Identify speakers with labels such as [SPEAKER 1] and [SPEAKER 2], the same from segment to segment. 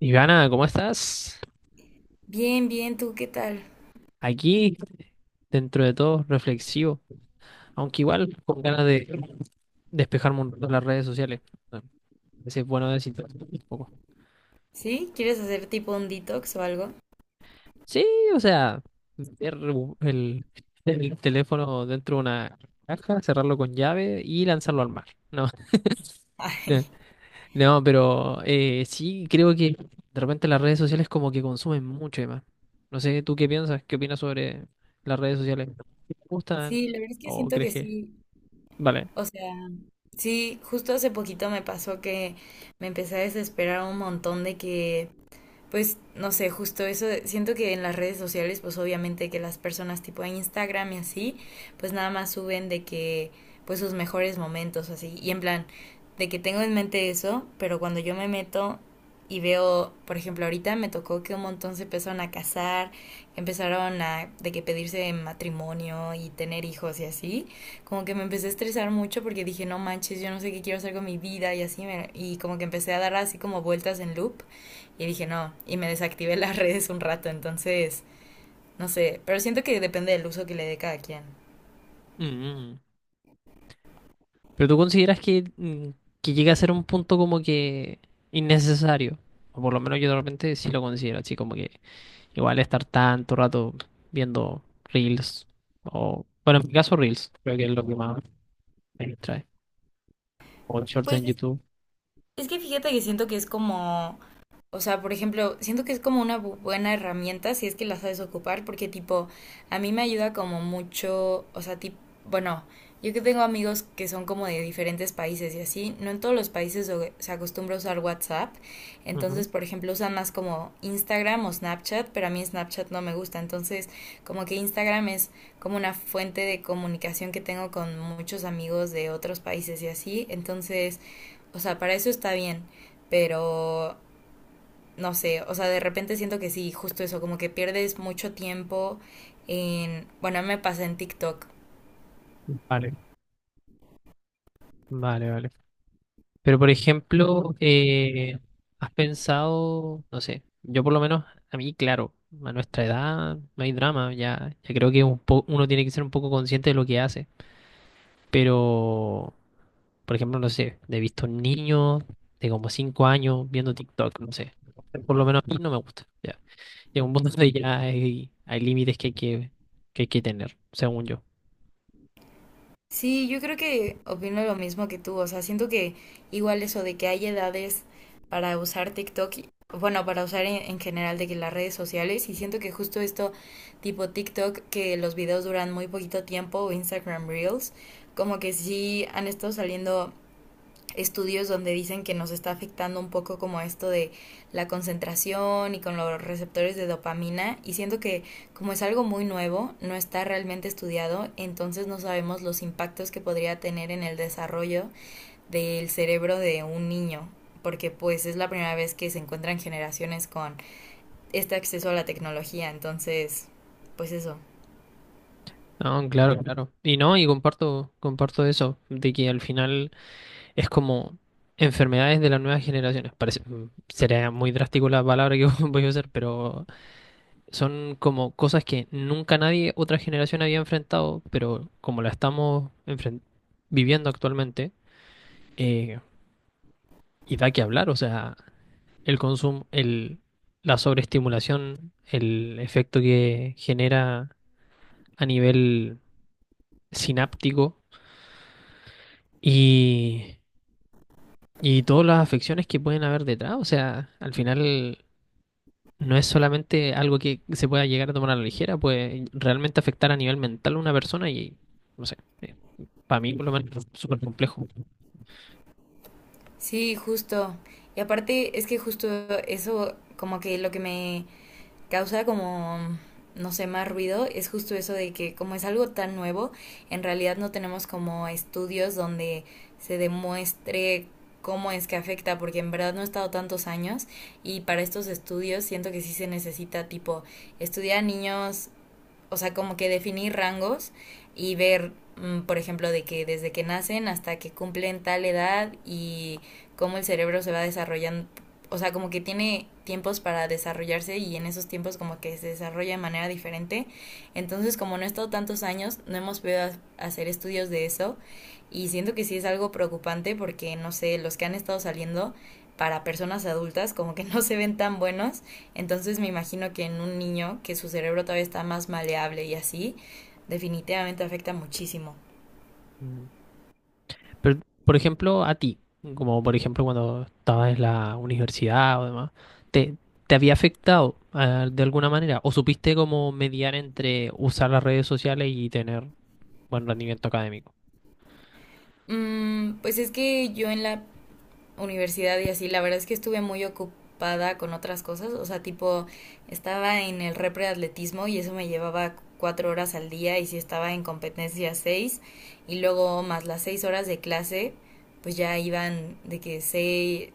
[SPEAKER 1] Ivana, ¿cómo estás?
[SPEAKER 2] Bien, bien, ¿tú qué tal?
[SPEAKER 1] Aquí, dentro de todo, reflexivo, aunque igual con ganas de despejarme un rato las redes sociales. A veces es bueno desintoxicarse un poco.
[SPEAKER 2] ¿Sí? ¿Quieres hacer tipo un detox o algo?
[SPEAKER 1] Sí, o sea, meter el, el teléfono dentro de una caja, cerrarlo con llave y lanzarlo al mar. No,
[SPEAKER 2] Ay,
[SPEAKER 1] no, pero sí creo que de repente las redes sociales como que consumen mucho y más. No sé, ¿tú qué piensas? ¿Qué opinas sobre las redes sociales? ¿Te gustan
[SPEAKER 2] sí, la verdad es que
[SPEAKER 1] o
[SPEAKER 2] siento que
[SPEAKER 1] crees que...
[SPEAKER 2] sí.
[SPEAKER 1] Vale.
[SPEAKER 2] O sea, sí, justo hace poquito me pasó que me empecé a desesperar un montón de que, pues no sé, justo eso, siento que en las redes sociales, pues obviamente que las personas tipo Instagram y así, pues nada más suben de que, pues sus mejores momentos, así, y en plan, de que tengo en mente eso, pero cuando yo me meto y veo, por ejemplo, ahorita me tocó que un montón se empezaron a casar, empezaron a de que pedirse matrimonio y tener hijos y así, como que me empecé a estresar mucho porque dije, no manches, yo no sé qué quiero hacer con mi vida y así, y como que empecé a dar así como vueltas en loop y dije, no, y me desactivé las redes un rato. Entonces, no sé, pero siento que depende del uso que le dé cada quien.
[SPEAKER 1] Mm. Pero tú consideras que, que llega a ser un punto como que innecesario. O por lo menos yo de repente sí lo considero así, como que igual estar tanto rato viendo Reels. O, bueno, en mi caso Reels, creo que es lo que más me distrae. O shorts
[SPEAKER 2] Pues
[SPEAKER 1] en
[SPEAKER 2] es
[SPEAKER 1] YouTube.
[SPEAKER 2] Es que fíjate que siento que es como, o sea, por ejemplo, siento que es como una buena herramienta si es que la sabes ocupar, porque tipo, a mí me ayuda como mucho, o sea, tipo, bueno, yo que tengo amigos que son como de diferentes países y así, no en todos los países se acostumbra a usar WhatsApp. Entonces,
[SPEAKER 1] Ujú.
[SPEAKER 2] por ejemplo, usan más como Instagram o Snapchat, pero a mí Snapchat no me gusta. Entonces, como que Instagram es como una fuente de comunicación que tengo con muchos amigos de otros países y así, entonces... O sea, para eso está bien, pero no sé, o sea, de repente siento que sí, justo eso, como que pierdes mucho tiempo en, bueno, a mí me pasa en TikTok.
[SPEAKER 1] Vale, vale, vale. Pero por ejemplo, ¿has pensado, no sé, yo por lo menos, a mí, claro, a nuestra edad no hay drama, ya, ya creo que un uno tiene que ser un poco consciente de lo que hace. Pero, por ejemplo, no sé, he visto niños de como 5 años viendo TikTok, no sé. Por lo menos a mí no me gusta. Ya. Llega un punto donde ya hay límites que hay que hay que tener, según yo.
[SPEAKER 2] Sí, yo creo que opino lo mismo que tú, o sea, siento que igual eso de que hay edades para usar TikTok, bueno, para usar en general de que las redes sociales, y siento que justo esto tipo TikTok, que los videos duran muy poquito tiempo, o Instagram Reels, como que sí han estado saliendo estudios donde dicen que nos está afectando un poco como esto de la concentración y con los receptores de dopamina, y siento que como es algo muy nuevo, no está realmente estudiado, entonces no sabemos los impactos que podría tener en el desarrollo del cerebro de un niño, porque pues es la primera vez que se encuentran generaciones con este acceso a la tecnología. Entonces, pues eso.
[SPEAKER 1] No, claro, claro. Y no, y comparto eso, de que al final es como enfermedades de las nuevas generaciones. Parece, sería muy drástico la palabra que voy a usar, pero son como cosas que nunca nadie, otra generación había enfrentado, pero como la estamos viviendo actualmente, eh, y da que hablar, o sea, el consumo, la sobreestimulación, el efecto que genera a nivel sináptico y, y todas las afecciones que pueden haber detrás, o sea, al final no es solamente algo que se pueda llegar a tomar a la ligera, puede realmente afectar a nivel mental a una persona y, no sé. Para mí por lo menos es súper complejo.
[SPEAKER 2] Sí, justo. Y aparte es que justo eso como que lo que me causa como, no sé, más ruido es justo eso de que como es algo tan nuevo, en realidad no tenemos como estudios donde se demuestre cómo es que afecta, porque en verdad no he estado tantos años, y para estos estudios siento que sí se necesita tipo estudiar a niños, o sea, como que definir rangos y ver, por ejemplo, de que desde que nacen hasta que cumplen tal edad y cómo el cerebro se va desarrollando. O sea, como que tiene tiempos para desarrollarse y en esos tiempos como que se desarrolla de manera diferente. Entonces, como no he estado tantos años, no hemos podido hacer estudios de eso, y siento que sí es algo preocupante porque, no sé, los que han estado saliendo para personas adultas como que no se ven tan buenos, entonces me imagino que en un niño que su cerebro todavía está más maleable y así, definitivamente afecta muchísimo.
[SPEAKER 1] Mm. Pero, por ejemplo, a ti, mm, como por ejemplo cuando estabas en la universidad o demás, ¿te, ¿te había afectado ah, de alguna manera? ¿O supiste cómo mediar entre usar las redes sociales y tener buen rendimiento académico?
[SPEAKER 2] Pues es que yo en la universidad y así, la verdad es que estuve muy ocupada con otras cosas, o sea, tipo, estaba en el repre de atletismo y eso me llevaba cuatro horas al día, y si estaba en competencia seis, y luego más las seis horas de clase, pues ya iban de que seis,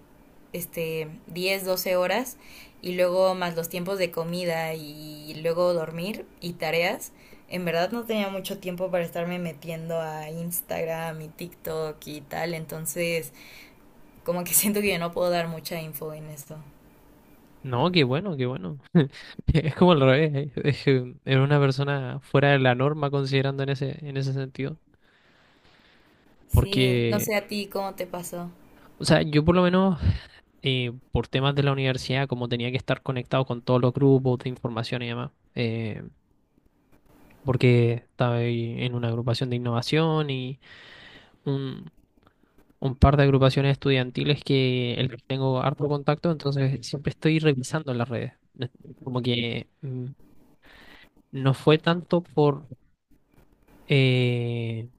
[SPEAKER 2] este, diez, doce horas, y luego más los tiempos de comida y luego dormir y tareas. En verdad no tenía mucho tiempo para estarme metiendo a Instagram y TikTok y tal. Entonces, como que siento que yo no puedo dar mucha info en esto.
[SPEAKER 1] No, qué bueno, qué bueno. Es como al revés, ¿eh? Es que era una persona fuera de la norma considerando en en ese sentido.
[SPEAKER 2] Sí, no
[SPEAKER 1] Porque,
[SPEAKER 2] sé a ti cómo te pasó.
[SPEAKER 1] o sea, yo por lo menos por temas de la universidad, como tenía que estar conectado con todos los grupos de información y demás, porque estaba ahí en una agrupación de innovación y un, un par de agrupaciones estudiantiles que el que tengo harto contacto, entonces siempre estoy revisando las redes. No es- Como que no fue tanto eh,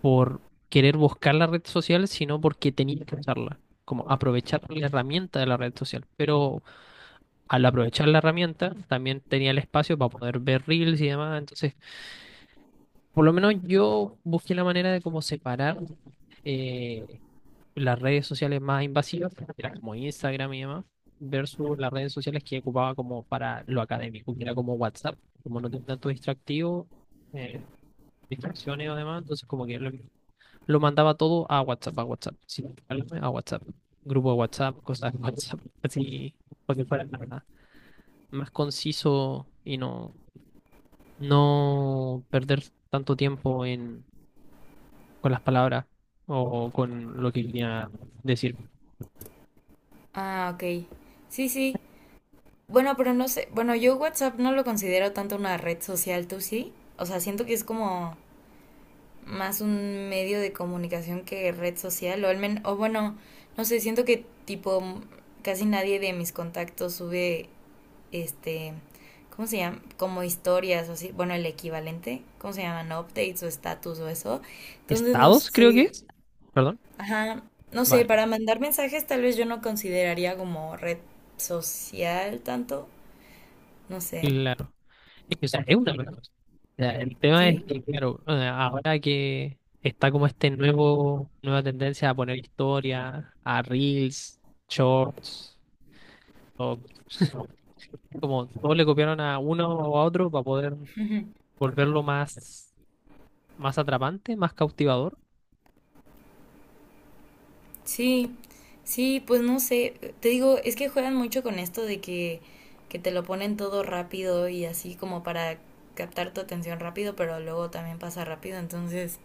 [SPEAKER 1] por querer buscar la red social, sino porque tenía que usarla, como aprovechar la herramienta de la red social. Pero al aprovechar la herramienta, también tenía el espacio para poder ver reels y demás. Entonces, por lo menos yo busqué la manera de cómo separar eh, las redes sociales más invasivas, que eran como Instagram y demás, versus las redes sociales que ocupaba como para lo académico, que era como WhatsApp, como no tenía tanto distractivo, eh, distracciones o demás, entonces como que lo mandaba todo a WhatsApp, sin preocuparme, a WhatsApp, grupo de WhatsApp, cosas de WhatsApp, así, porque fuera más conciso y no, no perder tanto tiempo en, con las palabras o con lo que quería decir.
[SPEAKER 2] Ah, ok. Sí, sí. Bueno, pero no sé. Bueno, yo WhatsApp no lo considero tanto una red social, ¿tú sí? O sea, siento que es como más un medio de comunicación que red social. O, al o bueno, no sé, siento que tipo casi nadie de mis contactos sube este... ¿Cómo se llama? Como historias o así. Bueno, el equivalente. ¿Cómo se llaman? Updates o status o eso. Entonces no
[SPEAKER 1] Estados, creo que
[SPEAKER 2] sé.
[SPEAKER 1] es. Perdón.
[SPEAKER 2] Ajá, no sé,
[SPEAKER 1] Vale,
[SPEAKER 2] para mandar mensajes tal vez yo no consideraría como red social tanto, no sé,
[SPEAKER 1] claro. Es que, o sea, es una cosa. O sea, el tema es
[SPEAKER 2] ¿sí?
[SPEAKER 1] que, claro, o sea, ahora que está como este nueva tendencia a poner historia, a reels, shorts, o como todos le copiaron a uno o a otro para poder
[SPEAKER 2] Ujú.
[SPEAKER 1] volverlo más. Más atrapante, más cautivador.
[SPEAKER 2] Sí, sí, pues no sé, te digo, es que juegan mucho con esto de que, te lo ponen todo rápido y así como para captar tu atención rápido, pero luego también pasa rápido, entonces,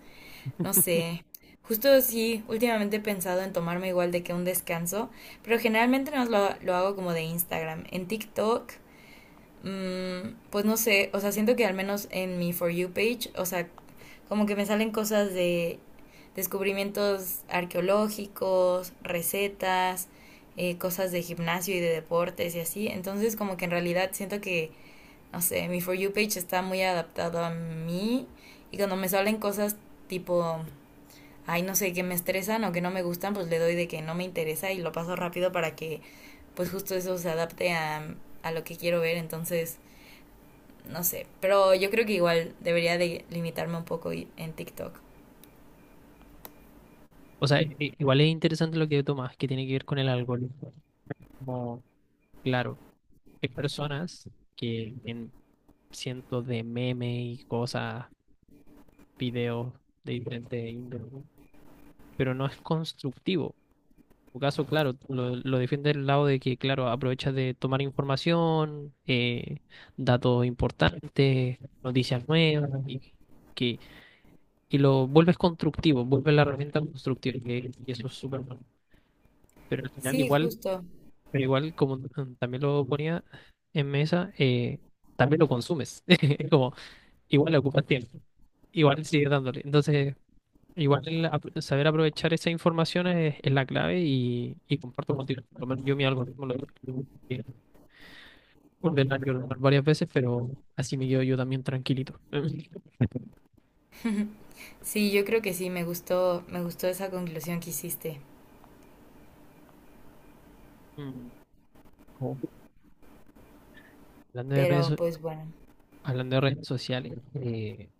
[SPEAKER 2] no sé. Justo sí, últimamente he pensado en tomarme igual de que un descanso, pero generalmente no lo hago como de Instagram. En TikTok. Pues no sé, o sea, siento que al menos en mi For You page, o sea, como que me salen cosas de descubrimientos arqueológicos, recetas, cosas de gimnasio y de deportes y así. Entonces como que en realidad siento que, no sé, mi For You page está muy adaptado a mí, y cuando me salen cosas tipo, ay, no sé, que me estresan o que no me gustan, pues le doy de que no me interesa y lo paso rápido para que pues justo eso se adapte a lo que quiero ver. Entonces no sé, pero yo creo que igual debería de limitarme un poco en TikTok.
[SPEAKER 1] O sea, igual es interesante lo que tomas, que tiene que ver con el algoritmo. Como, claro, hay personas que en cientos de memes y cosas, videos de diferentes índole, ¿no? Pero no es constructivo. En tu caso, claro, tú lo defiende del lado de que, claro, aprovechas de tomar información, datos importantes, noticias nuevas, y que y lo vuelves constructivo, vuelves la herramienta constructiva, que eso es súper bueno. Pero al final
[SPEAKER 2] Sí,
[SPEAKER 1] igual,
[SPEAKER 2] justo.
[SPEAKER 1] pero igual como también lo ponía en mesa, también lo consumes. Es como, igual le ocupas tiempo, igual sigues dándole. Entonces, igual el saber aprovechar esa información es la clave y comparto contigo. Por lo menos yo mi algoritmo lo tengo que ordenar y ordenar varias veces, pero así me quedo yo también tranquilito.
[SPEAKER 2] Sí, yo creo que sí, me gustó esa conclusión que hiciste.
[SPEAKER 1] Mm, como hablando de redes,
[SPEAKER 2] Pero pues bueno.
[SPEAKER 1] hablando de redes sociales,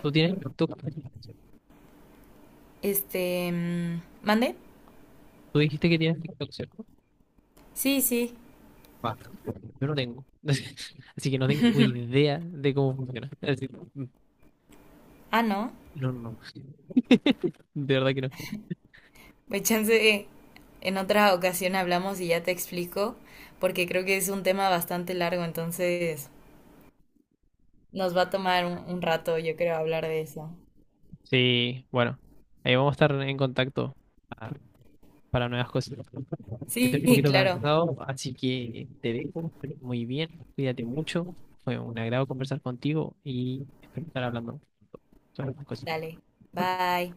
[SPEAKER 1] tú tienes TikTok.
[SPEAKER 2] Este, mm, ¿mande?
[SPEAKER 1] Tú dijiste que tienes TikTok, ¿cierto?
[SPEAKER 2] Sí, sí.
[SPEAKER 1] Va, yo no tengo. Así que no tengo idea de cómo funciona. Así-
[SPEAKER 2] Ah, no.
[SPEAKER 1] no, no, no. De verdad que no.
[SPEAKER 2] Pues chance en otra ocasión hablamos y ya te explico, porque creo que es un tema bastante largo, entonces nos va a tomar un rato, yo creo, hablar de eso.
[SPEAKER 1] Sí, bueno. Ahí vamos a estar en contacto pa- para nuevas cosas. Estoy un
[SPEAKER 2] Sí,
[SPEAKER 1] poquito
[SPEAKER 2] claro.
[SPEAKER 1] cansado, así que te dejo. Muy bien, cuídate mucho. Fue un agrado conversar contigo y espero estar hablando sobre estas cosas.
[SPEAKER 2] Dale. Bye.